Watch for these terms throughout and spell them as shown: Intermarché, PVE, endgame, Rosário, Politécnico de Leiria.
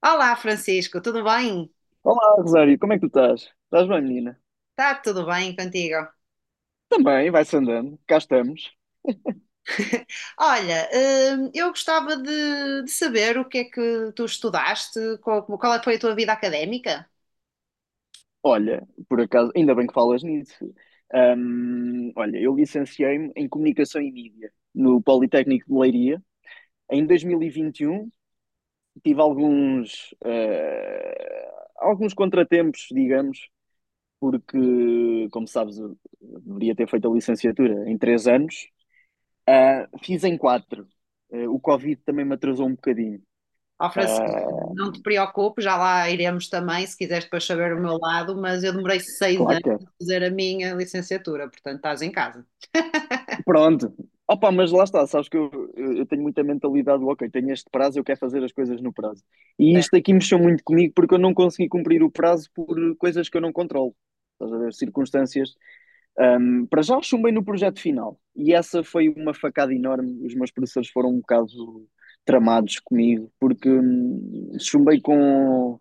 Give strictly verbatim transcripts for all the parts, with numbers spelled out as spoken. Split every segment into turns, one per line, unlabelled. Olá, Francisco, tudo bem?
Olá, Rosário, como é que tu estás? Estás bem, menina?
Está tudo bem contigo?
Também, vai-se andando, cá estamos.
Olha, hum, eu gostava de, de saber o que é que tu estudaste, qual, qual é que foi a tua vida académica?
Olha, por acaso, ainda bem que falas nisso. Hum, olha, eu licenciei-me em Comunicação e Mídia no Politécnico de Leiria. Em dois mil e vinte e um tive alguns, eh, alguns contratempos, digamos, porque, como sabes, eu deveria ter feito a licenciatura em três anos. Ah, fiz em quatro. Eh, o Covid também me atrasou um bocadinho.
Ó, Francisco,
Ah,
não te preocupes, já lá iremos também, se quiseres depois saber o meu lado, mas eu demorei seis anos
claro.
a fazer a minha licenciatura, portanto estás em casa.
Pronto. Opa, mas lá está, sabes que eu, eu eu tenho muita mentalidade do ok, tenho este prazo, eu quero fazer as coisas no prazo. E isto aqui mexeu muito comigo porque eu não consegui cumprir o prazo por coisas que eu não controlo. Estás a ver? Circunstâncias. Ahm, para já chumbei no projeto final. E essa foi uma facada enorme. Os meus professores foram um bocado tramados comigo porque hum, chumbei com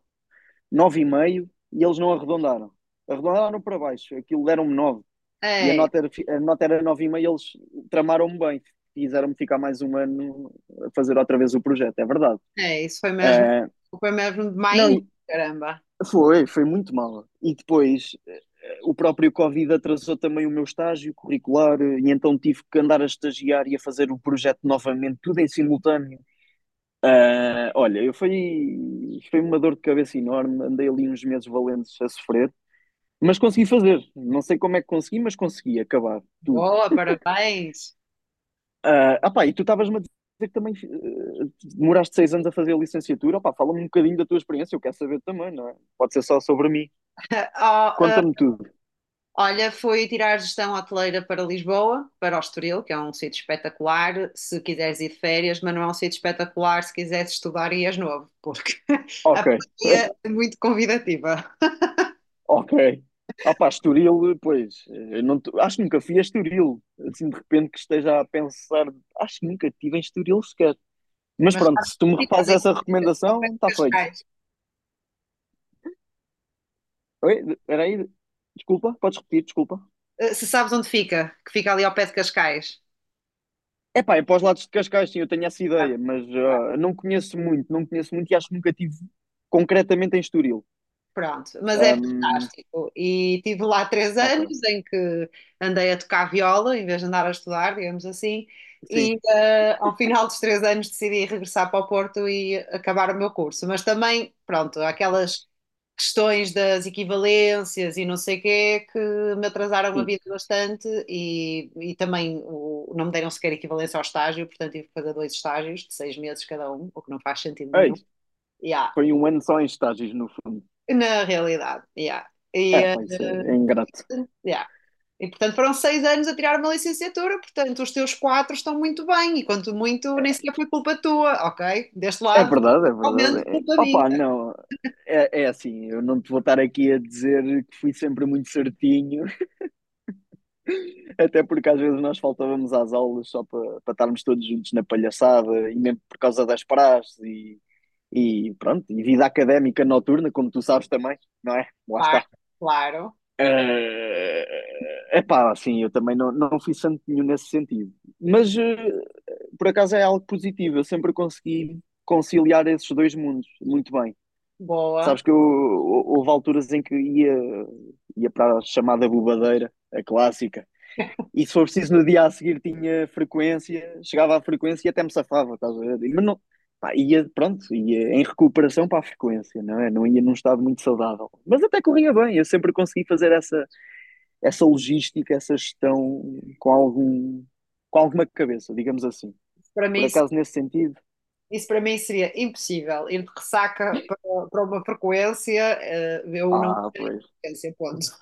nove vírgula cinco e eles não arredondaram. Arredondaram para baixo. Aquilo deram-me nove e a
É,
nota era, fi- a nota era nove vírgula cinco e eles tramaram-me bem. Quiseram-me ficar mais um ano a fazer outra vez o projeto, é verdade.
é, isso foi mesmo,
Eh,
foi mesmo
não,
demais, caramba.
foi, foi muito mal. E depois eh, o próprio Covid atrasou também o meu estágio curricular, eh, e então tive que andar a estagiar e a fazer o projeto novamente, tudo em simultâneo. Eh, olha, eu fui, foi uma dor de cabeça enorme, andei ali uns meses valentes a sofrer, mas consegui fazer. Não sei como é que consegui, mas consegui acabar tudo.
Boa, parabéns.
Ah, ah pá, e tu estavas-me a dizer que também eh, demoraste seis anos a fazer a licenciatura. Opá, fala-me um bocadinho da tua experiência, eu quero saber também, não é? Pode ser só sobre mim.
Oh,
Conta-me tudo.
olha, foi tirar gestão hoteleira para Lisboa, para o Estoril, que é um sítio espetacular, se quiseres ir de férias, mas não é um sítio espetacular se quiseres estudar e és novo, porque
Ok.
a pandemia é muito convidativa.
Ok. Ah pá, Estoril, pois, eh, não te- acho que nunca fui a Estoril, assim de repente que esteja a pensar, acho que nunca estive em Estoril sequer. Mas
Mas
pronto,
sabe
se tu
onde
me
fica
fazes
ali
essa
ao pé
recomendação,
de
está feito.
Cascais.
Oi, era aí, desculpa, podes repetir, desculpa.
Eh, Se sabes onde fica, que fica ali ao pé de Cascais.
Epá, é para os lados de Cascais, sim, eu tenho essa
Sabe,
ideia, mas
ok.
ah, não conheço muito, não conheço muito e acho que nunca tive concretamente em Estoril.
Pronto, mas é
Ahm,
fantástico. E tive lá três anos
ok,
em que andei a tocar viola em vez de andar a estudar, digamos assim.
sim,
E eh, ao final dos três anos decidi regressar para o Porto e acabar o meu curso. Mas também, pronto, aquelas questões das equivalências e não sei o quê que me atrasaram a
sim.
vida bastante e, e também o, não me deram sequer equivalência ao estágio, portanto tive que fazer dois estágios de seis meses cada um, o que não faz sentido
É
nenhum.
isso.
Yeah.
Foi um ano só em estágios, no fundo.
Na realidade, yeah. E,
É,
eh,
pá, isso é, é ingrato.
yeah. E, portanto, foram seis anos a tirar uma licenciatura, portanto, os teus quatro estão muito bem, e quanto muito, nem sequer foi culpa tua, ok? Deste
É
lado, foi
verdade, é verdade.
totalmente
É.
culpa minha.
Opa, não, é, é assim, eu não te vou estar aqui a dizer que fui sempre muito certinho, até porque às vezes nós faltávamos às aulas só para para estarmos todos juntos na palhaçada e mesmo por causa das praxes. E pronto, e vida académica noturna, como tu sabes também, não é? Lá está.
Claro, claro,
É pá, assim, eu também não, não fui santo nenhum nesse sentido. Mas eh, por acaso é algo positivo, eu sempre consegui conciliar esses dois mundos muito bem.
boa.
Sabes que eu, houve alturas em que ia, ia para a chamada bobadeira, a clássica, e se for preciso, no dia a seguir tinha frequência, chegava à frequência e até me safava, estás a ver? Mas não, pá, ia, pronto, ia em recuperação para a frequência, não é? Não ia num estado muito saudável. Mas até corria bem, eu sempre consegui fazer essa, essa logística, essa gestão com algum, com alguma cabeça, digamos assim.
Isso para
Por
mim,
acaso, nesse sentido,
isso para mim seria impossível. Ir de ressaca para, para uma frequência, eh, eu não
ah,
ia
pois,
na frequência, ponto.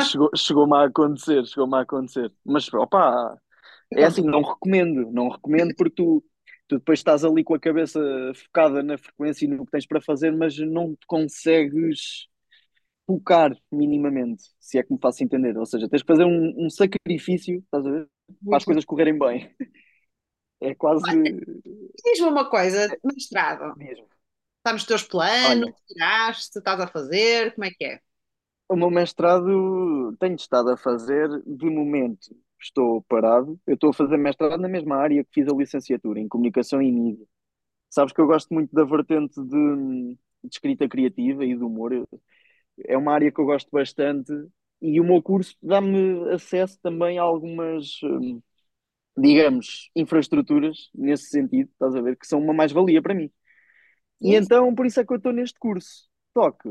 chegou, chegou-me a acontecer, chegou-me a acontecer. Mas, opá, é assim,
Acontece
não recomendo, não recomendo porque tu, tu depois estás ali com a cabeça focada na frequência e no que tens para fazer, mas não te consegues focar minimamente, se é que me faço entender. Ou seja, tens que fazer um, um sacrifício, estás a ver? Para as
muito bem.
coisas correrem bem. É quase
Diz-me uma coisa, mestrado,
mesmo.
está nos teus planos,
Olha,
tiraste, estás a fazer, como é que é?
o meu mestrado tenho estado a fazer, de momento estou parado. Eu estou a fazer mestrado na mesma área que fiz a licenciatura, em comunicação e mídia. Sabes que eu gosto muito da vertente de, de escrita criativa e do humor. Eu- É uma área que eu gosto bastante e o meu curso dá-me acesso também a algumas, hum, digamos, infraestruturas nesse sentido, estás a ver, que são uma mais-valia para mim. E
Sim,
então, por isso é que eu estou neste curso. Só que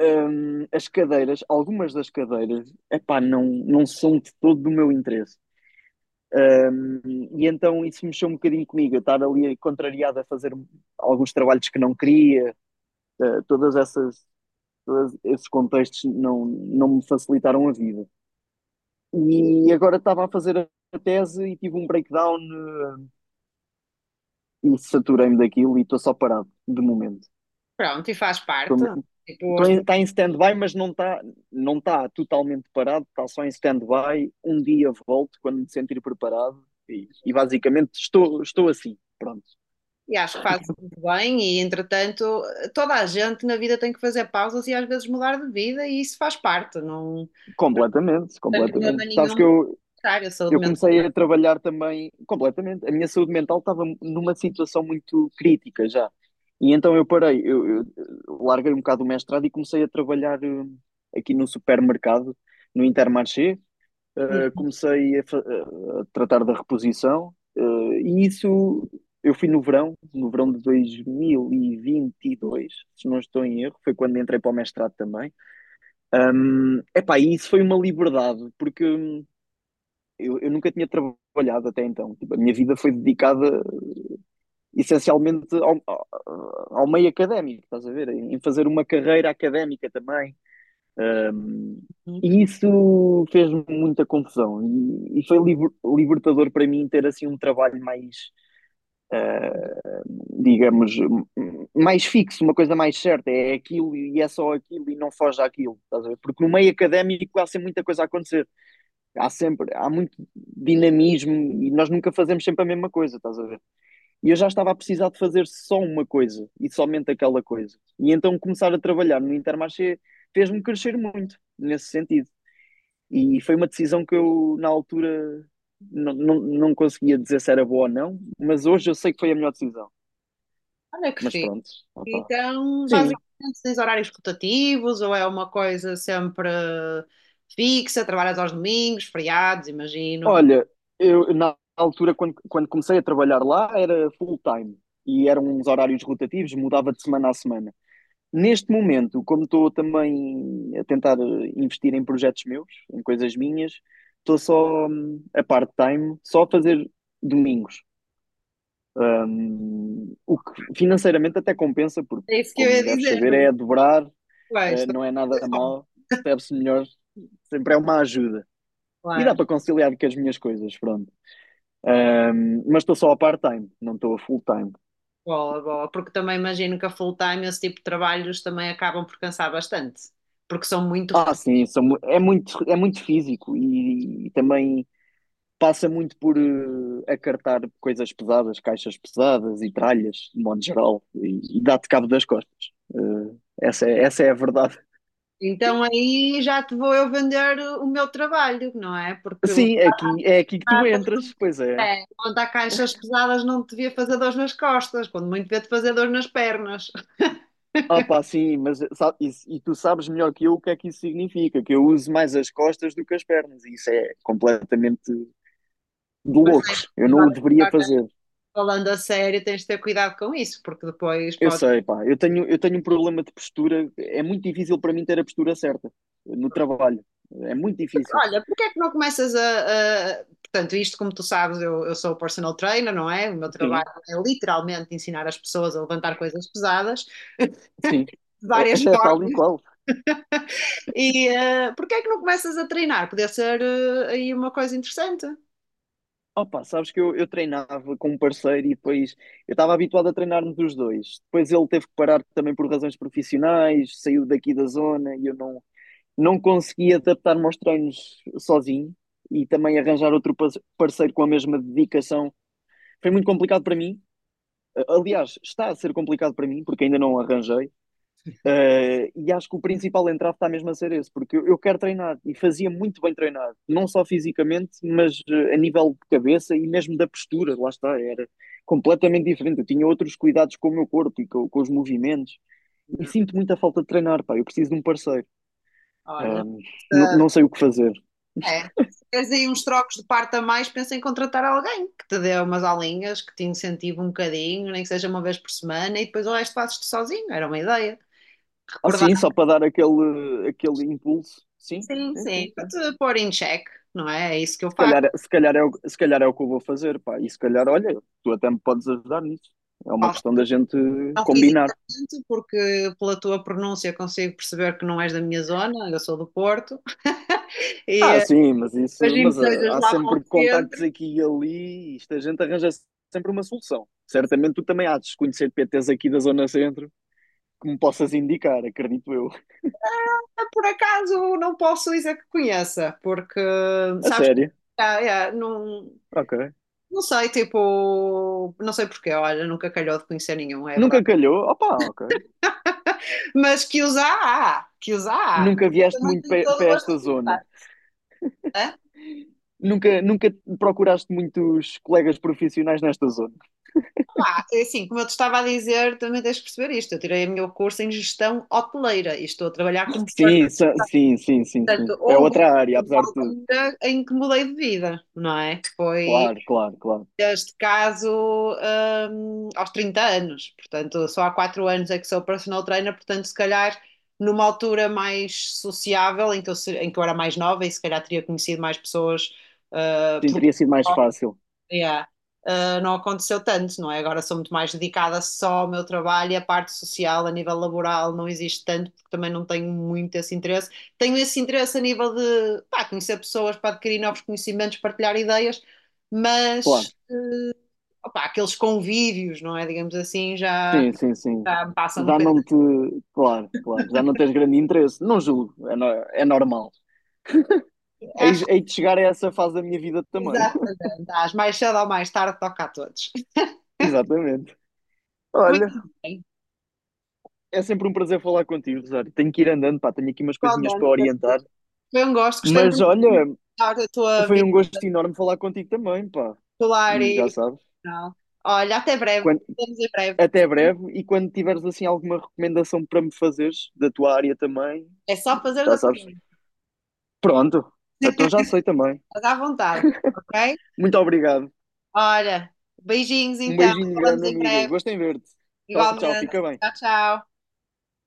hum, as cadeiras, algumas das cadeiras, epá, não, não são de todo do meu interesse. Hum, e então isso mexeu um bocadinho comigo, eu estar ali contrariado a fazer alguns trabalhos que não queria. Uh, todas essas, todos esses contextos não, não me facilitaram a vida. E agora estava a fazer a tese e tive um breakdown, uh, e saturei-me daquilo e estou só parado, de momento.
pronto, e faz parte. Tipo, as
Está em, em stand-by, mas não está não tá totalmente parado, está só em stand-by. Um dia volto quando me sentir preparado e, e basicamente estou, estou assim. Pronto,
E acho que fazes muito bem, e entretanto, toda a gente na vida tem que fazer pausas e às vezes mudar de vida, e isso faz parte, não
completamente,
tem problema
completamente. Sabes
nenhum,
que eu,
contrário, a saúde
eu
mental.
comecei a trabalhar também completamente. A minha saúde mental estava numa situação muito crítica já. E então eu parei, eu, eu larguei um bocado o mestrado e comecei a trabalhar, hum, aqui no supermercado, no Intermarché. Uh, comecei a, fa- eh, a tratar da reposição, uh, e isso eu fui no verão, no verão de dois mil e e vinte e dois se não estou em erro, foi quando entrei para o mestrado também. Um, epá, e isso foi uma liberdade, porque hum, eu, eu nunca tinha trabalhado até então. Tipo, a minha vida foi dedicada essencialmente ao, ao meio académico, estás a ver? Em fazer uma carreira académica também.
Uhum.
E isso fez-me muita confusão. E, e foi liber- libertador para mim ter assim um trabalho mais, digamos, mais fixo, uma coisa mais certa. É aquilo e é só aquilo e não foge àquilo, estás a ver? Porque no meio académico há sempre muita coisa a acontecer. Há sempre, há muito dinamismo e nós nunca fazemos sempre a mesma coisa, estás a ver? E eu já estava a precisar de fazer só uma coisa e somente aquela coisa. E então começar a trabalhar no Intermarché fez-me crescer muito nesse sentido. E foi uma decisão que eu, na altura, não, não, não conseguia dizer se era boa ou não, mas hoje eu sei que foi a melhor decisão.
Olha que
Mas
fixe.
pronto, opá.
Então,
Sim,
basicamente, tens horários rotativos, ou é uma coisa sempre fixa, trabalhas aos domingos, feriados, imagino.
olha, eu na altura, quando, quando comecei a trabalhar lá, era full time e eram uns horários rotativos, mudava de semana a semana. Neste momento, como estou também a tentar eh, investir em projetos meus, em coisas minhas, estou só hum, a part-time, só a fazer domingos. Hum, o que financeiramente até compensa, porque,
É isso que eu ia
como deves
dizer,
saber, é
do
a dobrar,
Marcoleiros,
eh, não é nada
também bom,
mal, serve-se melhor, sempre é uma ajuda. E dá
claro.
para conciliar com as minhas coisas, pronto. Hum, mas estou só a part-time, não estou a full-time.
Boa, boa, porque também imagino que a full time, esse tipo de trabalhos também acabam por cansar bastante, porque são muito
Ah, sim, são mu- é muito, é muito físico e, e também passa muito por eh, acartar coisas pesadas, caixas pesadas e tralhas, de modo geral, e, e dá-te cabo das costas. Eh, essa é, essa é a verdade.
Então aí já te vou eu vender o meu trabalho, não é? Porque
Sim, é aqui, é aqui que tu
levantar
entras, pois é.
É. Levantar caixas pesadas não te devia fazer dor nas costas, quando muito devia-te fazer dor nas pernas.
Ah, pá, sim, mas sabe, isso- e tu sabes melhor que eu o que é que isso significa, que eu uso mais as costas do que as pernas, e isso é completamente de
Mas tens
loucos.
de
Eu não
usar-
o deveria
agora,
fazer.
falando a sério, tens de ter cuidado com isso, porque depois
Eu
pode.
sei, pá, eu tenho, eu tenho um problema de postura, é muito difícil para mim ter a postura certa eh, no trabalho, é muito difícil.
Olha, porque é que não começas a. a- portanto, isto, como tu sabes, eu, eu sou personal trainer, não é? O meu trabalho
Sim,
é literalmente ensinar as pessoas a levantar coisas pesadas
sim,
de
é, é
várias
tal e
formas
qual.
E uh, porquê é que não começas a treinar? Podia ser uh, aí uma coisa interessante.
Opa, sabes que eu, eu treinava com um parceiro e depois eu estava habituado a treinar-nos os dois. Depois ele teve que parar também por razões profissionais, saiu daqui da zona e eu não, não consegui adaptar-me aos treinos sozinho e também arranjar outro pa- parceiro com a mesma dedicação. Foi muito complicado para mim. Aliás, está a ser complicado para mim porque ainda não arranjei. Uh, e acho que o principal entrave está mesmo a ser esse, porque eu, eu quero treinar e fazia muito bem treinar, não só fisicamente, mas uh, a nível de cabeça e mesmo da postura, lá está, era completamente diferente. Eu tinha outros cuidados com o meu corpo e com, com os movimentos, e
Não.
sinto muita falta de treinar, pá. Eu preciso de um parceiro,
Olha,
um,
se-
não sei o que fazer.
é. Se queres aí uns trocos de parte a mais, pensa em contratar alguém que te dê umas aulinhas, que te incentive um bocadinho, nem que seja uma vez por semana, e depois o resto fazes-te sozinho. Era uma ideia.
Ah, sim, só para dar aquele, aquele impulso, sim,
Sim,
sim, sim,
sim, para
sim.
te pôr em check, não é? É isso que eu
Se
faço.
calhar, se calhar, é, o, se calhar é o que eu vou fazer, pá. E se calhar, olha, tu até me podes ajudar nisso. É uma
Faço-
questão da gente
não fiz
combinar.
exatamente porque pela tua pronúncia consigo perceber que não és da minha zona, eu sou do Porto, e
Ah,
eh,
sim, mas isso,
imagino que
mas
sejas
ah, há
lá para o
sempre contactos
centro.
aqui e ali, e isto a gente arranja sempre uma solução. Certamente tu também há de conhecer P Ts aqui da Zona Centro que me possas indicar, acredito eu.
Ah, por acaso não posso dizer que conheça, porque
A
sabes, que
sério?
ah, é, não,
Ok.
não sei, tipo, não sei porquê, olha, nunca calhou de conhecer nenhum, é
Nunca
verdade.
calhou? Opa, ok.
Mas que os há, há, que os há, há.
Nunca
Mas eu
vieste
também
muito
tenho todo o
para
gosto
esta
de
zona.
contar,
Nunca, nunca procuraste muitos colegas profissionais nesta zona.
pá, assim, como eu te estava a dizer, também tens de perceber isto. Eu tirei o meu curso em gestão hoteleira e estou a trabalhar como
Sim,
part-
sa- sim, sim, sim, sim.
portanto,
É
houve
outra área,
uma
apesar de tudo.
altura em que mudei de vida, não é? Foi,
Claro, claro, claro.
neste caso, hum, aos trinta anos. Portanto, só há quatro anos é que sou personal trainer, portanto, se calhar numa altura mais sociável, em que eu, se- em que eu era mais nova e se calhar teria conhecido mais pessoas eh,
Sim,
pelo
teria sido mais fácil.
yeah. Não aconteceu tanto, não é? Agora sou muito mais dedicada só ao meu trabalho e a parte social a nível laboral não existe tanto, porque também não tenho muito esse interesse. Tenho esse interesse a nível de pá, conhecer pessoas para adquirir novos conhecimentos, partilhar ideias,
Claro.
mas opá, aqueles convívios, não é? Digamos assim, já,
Sim, sim, sim.
já me passa um
Já
bocadinho.
não te. Claro, claro. Já não tens grande interesse. Não julgo. É, no- é normal. Hei
Acho
hei de chegar a essa fase da minha vida
que
também.
exatamente, às mais cedo ou mais tarde toca a todos.
Exatamente.
Muito
Olha,
bem,
é sempre um prazer falar contigo, Rosário. Tenho que ir andando, pá. Tenho aqui umas coisinhas para
totalmente.
orientar.
Foi um gosto, gostei
Mas
muito de
olha,
da tua
foi um
vida
gosto enorme falar contigo também, pá.
escolar
E já
e
sabes.
profissional. Olha, até breve.
Quando
Vemos em breve.
Até breve e quando tiveres assim alguma recomendação para me fazeres da tua área também,
É só fazer a
já sabes.
pergunta.
Pronto, então já sei também.
Estás à vontade, ok?
Muito obrigado.
Olha, beijinhos
Um
então.
beijinho
Falamos
grande,
em
amiga.
breve.
Gostei em ver-te. Tchau, tchau.
Igualmente.
Fica bem.
Tchau, tchau.